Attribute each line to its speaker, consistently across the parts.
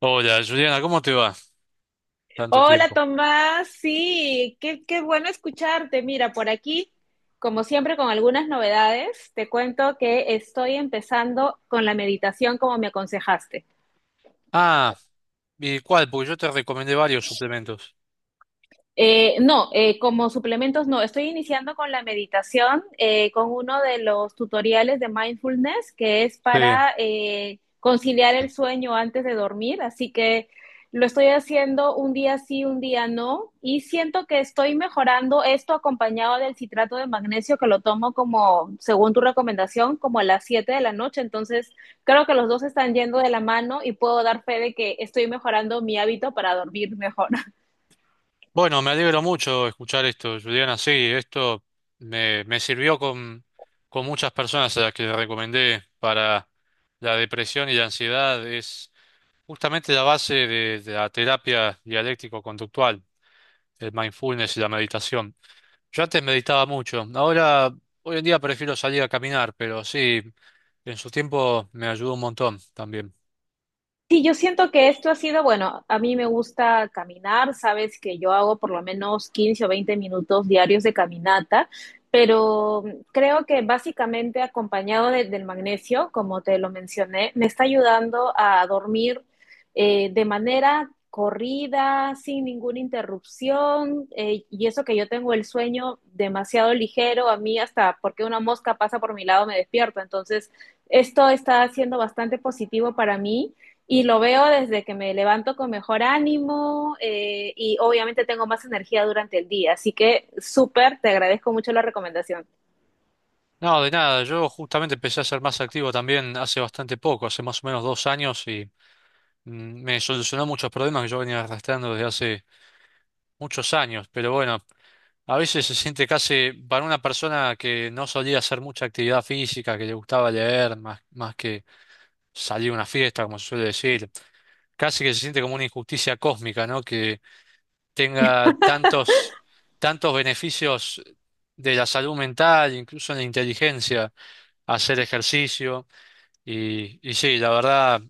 Speaker 1: Hola, Juliana, ¿cómo te va? Tanto
Speaker 2: Hola
Speaker 1: tiempo.
Speaker 2: Tomás, sí, qué bueno escucharte. Mira, por aquí, como siempre, con algunas novedades, te cuento que estoy empezando con la meditación como me aconsejaste.
Speaker 1: Ah, ¿y cuál? Porque yo te recomendé varios suplementos.
Speaker 2: No, como suplementos no. Estoy iniciando con la meditación, con uno de los tutoriales de mindfulness que es
Speaker 1: Sí.
Speaker 2: para conciliar el sueño antes de dormir. Así que lo estoy haciendo un día sí, un día no. Y siento que estoy mejorando esto acompañado del citrato de magnesio que lo tomo como, según tu recomendación, como a las 7 de la noche. Entonces, creo que los dos están yendo de la mano y puedo dar fe de que estoy mejorando mi hábito para dormir mejor.
Speaker 1: Bueno, me alegro mucho escuchar esto, Juliana. Sí, esto me sirvió con muchas personas a las que le recomendé para la depresión y la ansiedad. Es justamente la base de la terapia dialéctico-conductual, el mindfulness y la meditación. Yo antes meditaba mucho. Ahora, hoy en día prefiero salir a caminar, pero sí, en su tiempo me ayudó un montón también.
Speaker 2: Sí, yo siento que esto ha sido, bueno, a mí me gusta caminar, sabes que yo hago por lo menos 15 o 20 minutos diarios de caminata, pero creo que básicamente acompañado del magnesio, como te lo mencioné, me está ayudando a dormir de manera corrida, sin ninguna interrupción, y eso que yo tengo el sueño demasiado ligero, a mí hasta porque una mosca pasa por mi lado me despierto, entonces esto está siendo bastante positivo para mí y lo veo desde que me levanto con mejor ánimo y obviamente tengo más energía durante el día. Así que súper, te agradezco mucho la recomendación.
Speaker 1: No, de nada, yo justamente empecé a ser más activo también hace bastante poco, hace más o menos 2 años, y me solucionó muchos problemas que yo venía arrastrando desde hace muchos años. Pero bueno, a veces se siente casi para una persona que no solía hacer mucha actividad física, que le gustaba leer más, más que salir a una fiesta, como se suele decir, casi que se siente como una injusticia cósmica, ¿no? Tenga tantos, tantos beneficios de la salud mental, incluso en la inteligencia, hacer ejercicio. Y sí, la verdad,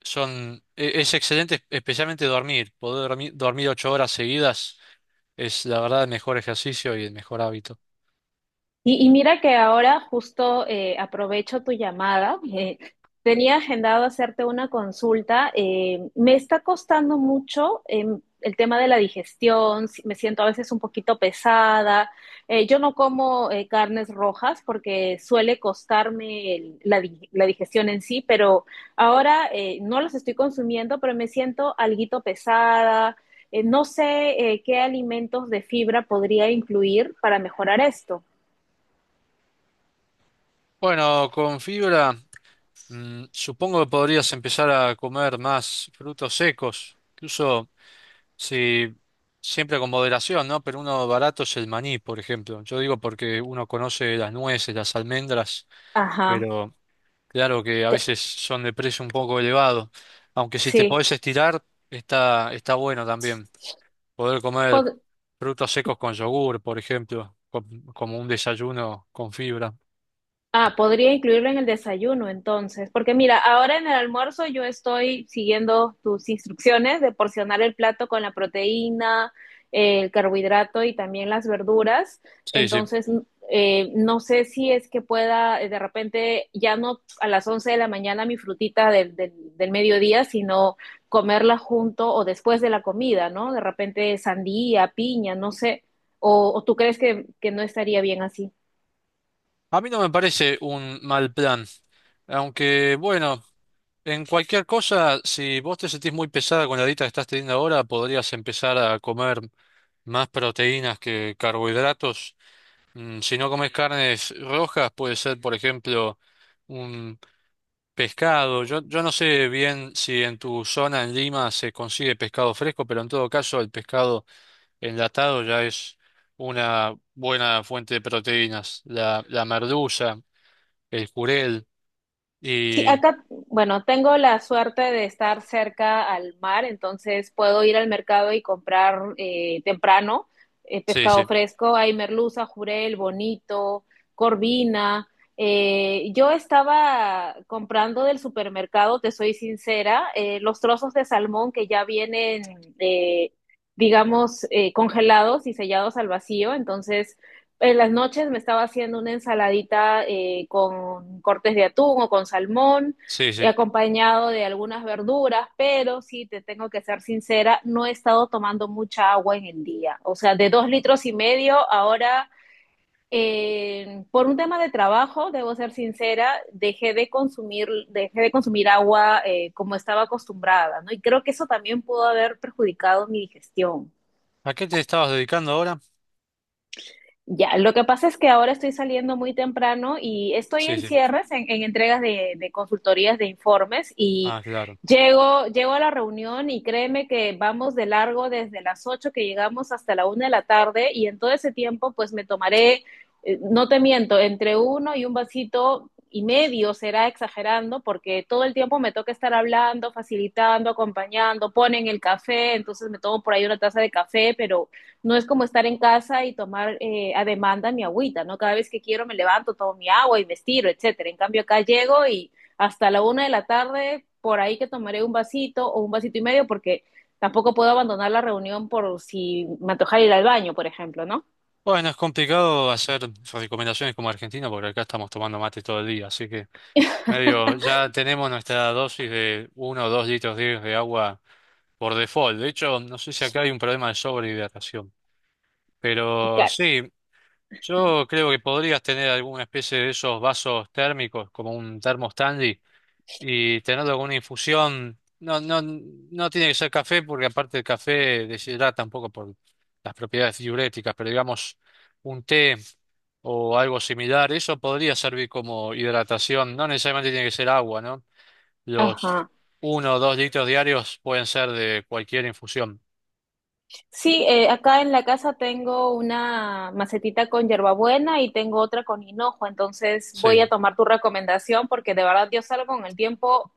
Speaker 1: es excelente, especialmente dormir. Poder dormir, dormir 8 horas seguidas es la verdad el mejor ejercicio y el mejor hábito.
Speaker 2: Y mira que ahora justo aprovecho tu llamada. Tenía agendado hacerte una consulta. Me está costando mucho el tema de la digestión. Me siento a veces un poquito pesada. Yo no como carnes rojas porque suele costarme la digestión en sí, pero ahora no las estoy consumiendo, pero me siento alguito pesada. No sé qué alimentos de fibra podría incluir para mejorar esto.
Speaker 1: Bueno, con fibra, supongo que podrías empezar a comer más frutos secos, incluso. Sí, siempre con moderación, ¿no? Pero uno barato es el maní, por ejemplo. Yo digo porque uno conoce las nueces, las almendras,
Speaker 2: Ajá,
Speaker 1: pero claro que a
Speaker 2: que-
Speaker 1: veces son de precio un poco elevado. Aunque si te
Speaker 2: sí.
Speaker 1: podés estirar, está bueno también. Poder comer frutos secos con yogur, por ejemplo, como un desayuno con fibra.
Speaker 2: Ah, podría incluirlo en el desayuno entonces, porque mira, ahora en el almuerzo yo estoy siguiendo tus instrucciones de porcionar el plato con la proteína, el carbohidrato y también las verduras.
Speaker 1: Sí, sí.
Speaker 2: Entonces, no sé si es que pueda de repente ya no a las 11 de la mañana mi frutita del mediodía, sino comerla junto o después de la comida, ¿no? De repente sandía, piña, no sé. ¿O tú crees que no estaría bien así?
Speaker 1: A mí no me parece un mal plan, aunque bueno. En cualquier cosa, si vos te sentís muy pesada con la dieta que estás teniendo ahora, podrías empezar a comer más proteínas que carbohidratos. Si no comes carnes rojas, puede ser, por ejemplo, un pescado. Yo no sé bien si en tu zona, en Lima, se consigue pescado fresco, pero en todo caso, el pescado enlatado ya es una buena fuente de proteínas. La merluza, el jurel
Speaker 2: Sí,
Speaker 1: y...
Speaker 2: acá, bueno, tengo la suerte de estar cerca al mar, entonces puedo ir al mercado y comprar temprano
Speaker 1: Sí,
Speaker 2: pescado
Speaker 1: sí,
Speaker 2: fresco. Hay merluza, jurel, bonito, corvina. Yo estaba comprando del supermercado, te soy sincera, los trozos de salmón que ya vienen, eh, digamos, congelados y sellados al vacío, entonces en las noches me estaba haciendo una ensaladita con cortes de atún o con salmón,
Speaker 1: sí, sí.
Speaker 2: acompañado de algunas verduras, pero sí, te tengo que ser sincera, no he estado tomando mucha agua en el día. O sea, de 2,5 litros, ahora, por un tema de trabajo, debo ser sincera, dejé de consumir agua como estaba acostumbrada, ¿no? Y creo que eso también pudo haber perjudicado mi digestión.
Speaker 1: ¿A qué te estabas dedicando ahora?
Speaker 2: Ya, lo que pasa es que ahora estoy saliendo muy temprano y estoy
Speaker 1: Sí,
Speaker 2: en
Speaker 1: sí.
Speaker 2: cierres, en entregas de consultorías, de informes y
Speaker 1: Ah, claro.
Speaker 2: llego a la reunión y créeme que vamos de largo desde las 8 que llegamos hasta la 1 de la tarde y en todo ese tiempo pues me tomaré, no te miento, entre uno y un vasito y medio será exagerando porque todo el tiempo me toca estar hablando, facilitando, acompañando, ponen el café, entonces me tomo por ahí una taza de café, pero no es como estar en casa y tomar a demanda mi agüita, ¿no? Cada vez que quiero me levanto, tomo mi agua y me estiro, etcétera. En cambio, acá llego y hasta la una de la tarde, por ahí que tomaré un vasito o un vasito y medio, porque tampoco puedo abandonar la reunión por si me antoja ir al baño, por ejemplo, ¿no?
Speaker 1: Bueno, es complicado hacer recomendaciones como argentino porque acá estamos tomando mate todo el día, así que medio ya tenemos nuestra dosis de 1 o 2 litros diarios de agua por default. De hecho, no sé si acá hay un problema de sobrehidratación, pero
Speaker 2: Claro.
Speaker 1: sí, yo creo que podrías tener alguna especie de esos vasos térmicos como un termo Stanley y tener alguna infusión. No, no, no tiene que ser café porque aparte el café deshidrata un poco por las propiedades diuréticas, pero digamos un té o algo similar, eso podría servir como hidratación. No necesariamente tiene que ser agua, ¿no? Los
Speaker 2: Ajá.
Speaker 1: 1 o 2 litros diarios pueden ser de cualquier infusión.
Speaker 2: Sí, acá en la casa tengo una macetita con hierbabuena y tengo otra con hinojo, entonces voy a
Speaker 1: Sí.
Speaker 2: tomar tu recomendación porque de verdad yo salgo con el tiempo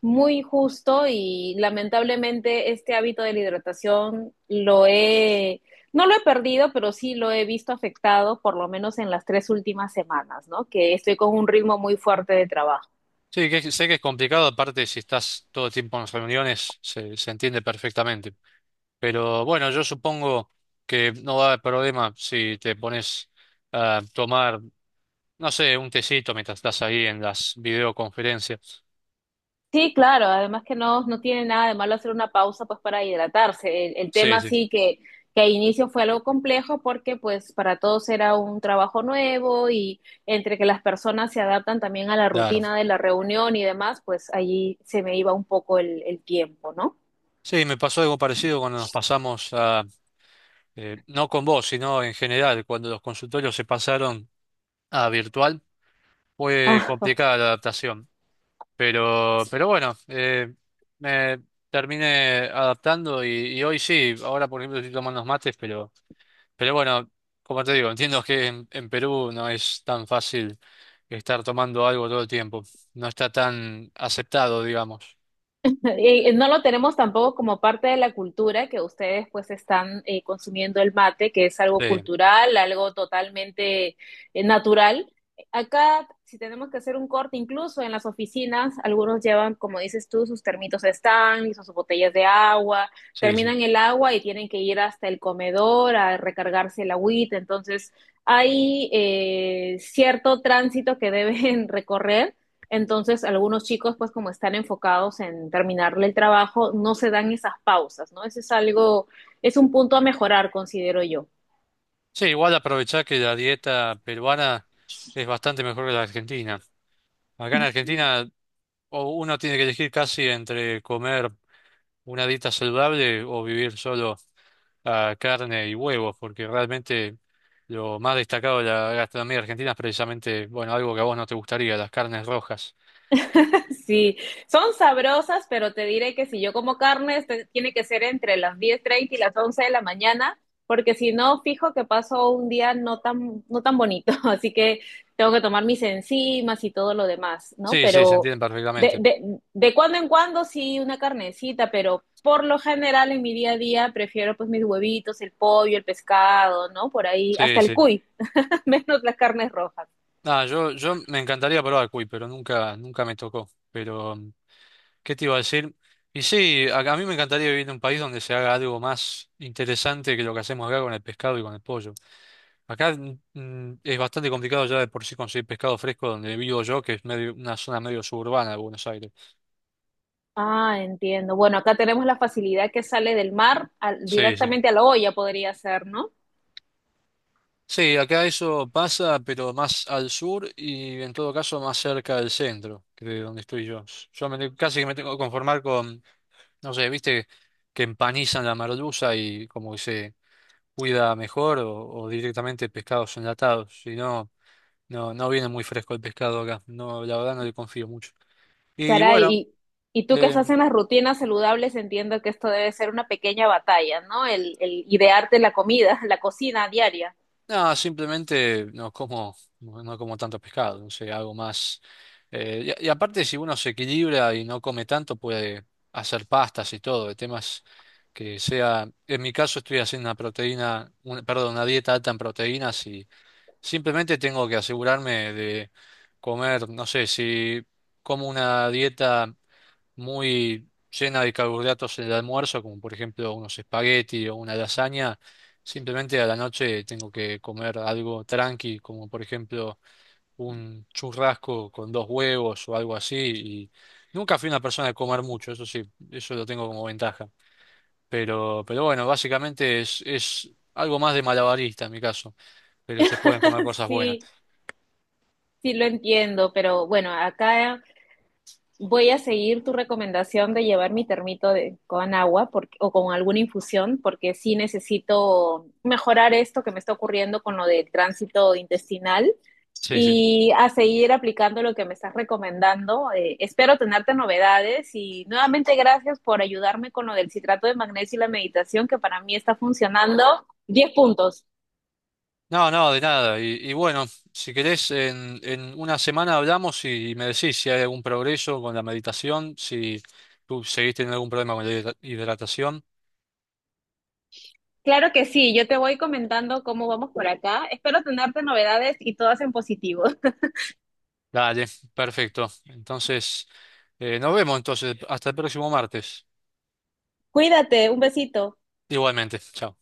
Speaker 2: muy justo y lamentablemente este hábito de la hidratación no lo he perdido, pero sí lo he visto afectado por lo menos en las 3 últimas semanas, ¿no? Que estoy con un ritmo muy fuerte de trabajo.
Speaker 1: Sí, que, sé que es complicado, aparte si estás todo el tiempo en reuniones, se entiende perfectamente. Pero bueno, yo supongo que no va a haber problema si te pones a tomar, no sé, un tecito mientras estás ahí en las videoconferencias.
Speaker 2: Sí, claro, además que no, no tiene nada de malo hacer una pausa pues para hidratarse. El
Speaker 1: Sí,
Speaker 2: tema
Speaker 1: sí,
Speaker 2: sí que al inicio fue algo complejo porque pues para todos era un trabajo nuevo y entre que las personas se adaptan también a la
Speaker 1: claro.
Speaker 2: rutina de la reunión y demás, pues allí se me iba un poco el tiempo, ¿no?
Speaker 1: Sí, me pasó algo parecido cuando nos pasamos a, no con vos, sino en general, cuando los consultorios se pasaron a virtual, fue complicada la adaptación. Pero bueno, me terminé adaptando y hoy sí, ahora por ejemplo estoy tomando unos mates. Pero bueno, como te digo, entiendo que en Perú no es tan fácil estar tomando algo todo el tiempo. No está tan aceptado, digamos.
Speaker 2: No lo tenemos tampoco como parte de la cultura que ustedes pues están consumiendo el mate, que es algo
Speaker 1: Sí,
Speaker 2: cultural, algo totalmente natural. Acá, si tenemos que hacer un corte, incluso en las oficinas, algunos llevan, como dices tú, sus termitos de Stanley, sus botellas de agua,
Speaker 1: sí, sí.
Speaker 2: terminan el agua y tienen que ir hasta el comedor a recargarse el agüita. Entonces, hay cierto tránsito que deben recorrer entonces, algunos chicos, pues como están enfocados en terminarle el trabajo, no se dan esas pausas, ¿no? Ese es algo, es un punto a mejorar, considero yo.
Speaker 1: Sí, igual aprovechar que la dieta peruana es bastante mejor que la argentina. Acá en Argentina o uno tiene que elegir casi entre comer una dieta saludable o vivir solo a carne y huevos, porque realmente lo más destacado de la gastronomía argentina es precisamente, bueno, algo que a vos no te gustaría, las carnes rojas.
Speaker 2: Sí, son sabrosas, pero te diré que si yo como carne, este tiene que ser entre las 10:30 y las 11 de la mañana, porque si no, fijo que paso un día no tan, no tan bonito, así que tengo que tomar mis enzimas y todo lo demás, ¿no?
Speaker 1: Sí, sí, se
Speaker 2: Pero
Speaker 1: entienden
Speaker 2: de,
Speaker 1: perfectamente.
Speaker 2: de, de cuando en cuando sí una carnecita, pero por lo general en mi día a día prefiero pues mis huevitos, el pollo, el pescado, ¿no? Por ahí,
Speaker 1: Sí,
Speaker 2: hasta el
Speaker 1: sí.
Speaker 2: cuy, menos las carnes rojas.
Speaker 1: Ah, yo me encantaría probar cuy, pero nunca, nunca me tocó. Pero, ¿qué te iba a decir? Y sí, a mí me encantaría vivir en un país donde se haga algo más interesante que lo que hacemos acá con el pescado y con el pollo. Acá es bastante complicado ya de por sí conseguir pescado fresco donde vivo yo, que es medio, una zona medio suburbana de Buenos Aires.
Speaker 2: Ah, entiendo. Bueno, acá tenemos la facilidad que sale del mar
Speaker 1: Sí, sí.
Speaker 2: directamente a la olla, podría ser, ¿no?
Speaker 1: Sí, acá eso pasa, pero más al sur y en todo caso más cerca del centro, que de donde estoy yo. Casi que me tengo que conformar con. No sé, viste que empanizan la merluza y como que se cuida mejor o directamente pescados enlatados. Si no, no viene muy fresco el pescado acá. No, la verdad no le confío mucho. Y
Speaker 2: Caray,
Speaker 1: bueno,
Speaker 2: y tú que estás
Speaker 1: em,
Speaker 2: en las rutinas saludables, entiendo que esto debe ser una pequeña batalla, ¿no? El idearte la comida, la cocina diaria.
Speaker 1: no, simplemente como tanto pescado, no sé, algo más. Y aparte, si uno se equilibra y no come tanto, puede hacer pastas y todo, de temas que sea. En mi caso, estoy haciendo perdón, una dieta alta en proteínas y simplemente tengo que asegurarme de comer, no sé, si como una dieta muy llena de carbohidratos en el almuerzo, como por ejemplo unos espagueti o una lasaña. Simplemente a la noche tengo que comer algo tranqui, como por ejemplo un churrasco con 2 huevos o algo así. Y nunca fui una persona de comer mucho, eso sí, eso lo tengo como ventaja. Pero bueno, básicamente es algo más de malabarista en mi caso, pero se pueden comer cosas buenas.
Speaker 2: Sí, sí lo entiendo, pero bueno, acá voy a seguir tu recomendación de llevar mi termito con agua porque, o con alguna infusión, porque sí necesito mejorar esto que me está ocurriendo con lo del tránsito intestinal.
Speaker 1: Sí, sí.
Speaker 2: Y a seguir aplicando lo que me estás recomendando. Espero tenerte novedades y nuevamente gracias por ayudarme con lo del citrato de magnesio y la meditación que para mí está funcionando. 10 puntos.
Speaker 1: No, no, de nada. Y bueno, si querés, en una semana hablamos y, me decís si hay algún progreso con la meditación, si tú seguiste teniendo algún problema con la hidratación.
Speaker 2: Claro que sí, yo te voy comentando cómo vamos por acá. Espero tenerte novedades y todas en positivo.
Speaker 1: Dale, perfecto. Entonces, nos vemos entonces. Hasta el próximo martes.
Speaker 2: Cuídate, un besito.
Speaker 1: Igualmente. Chao.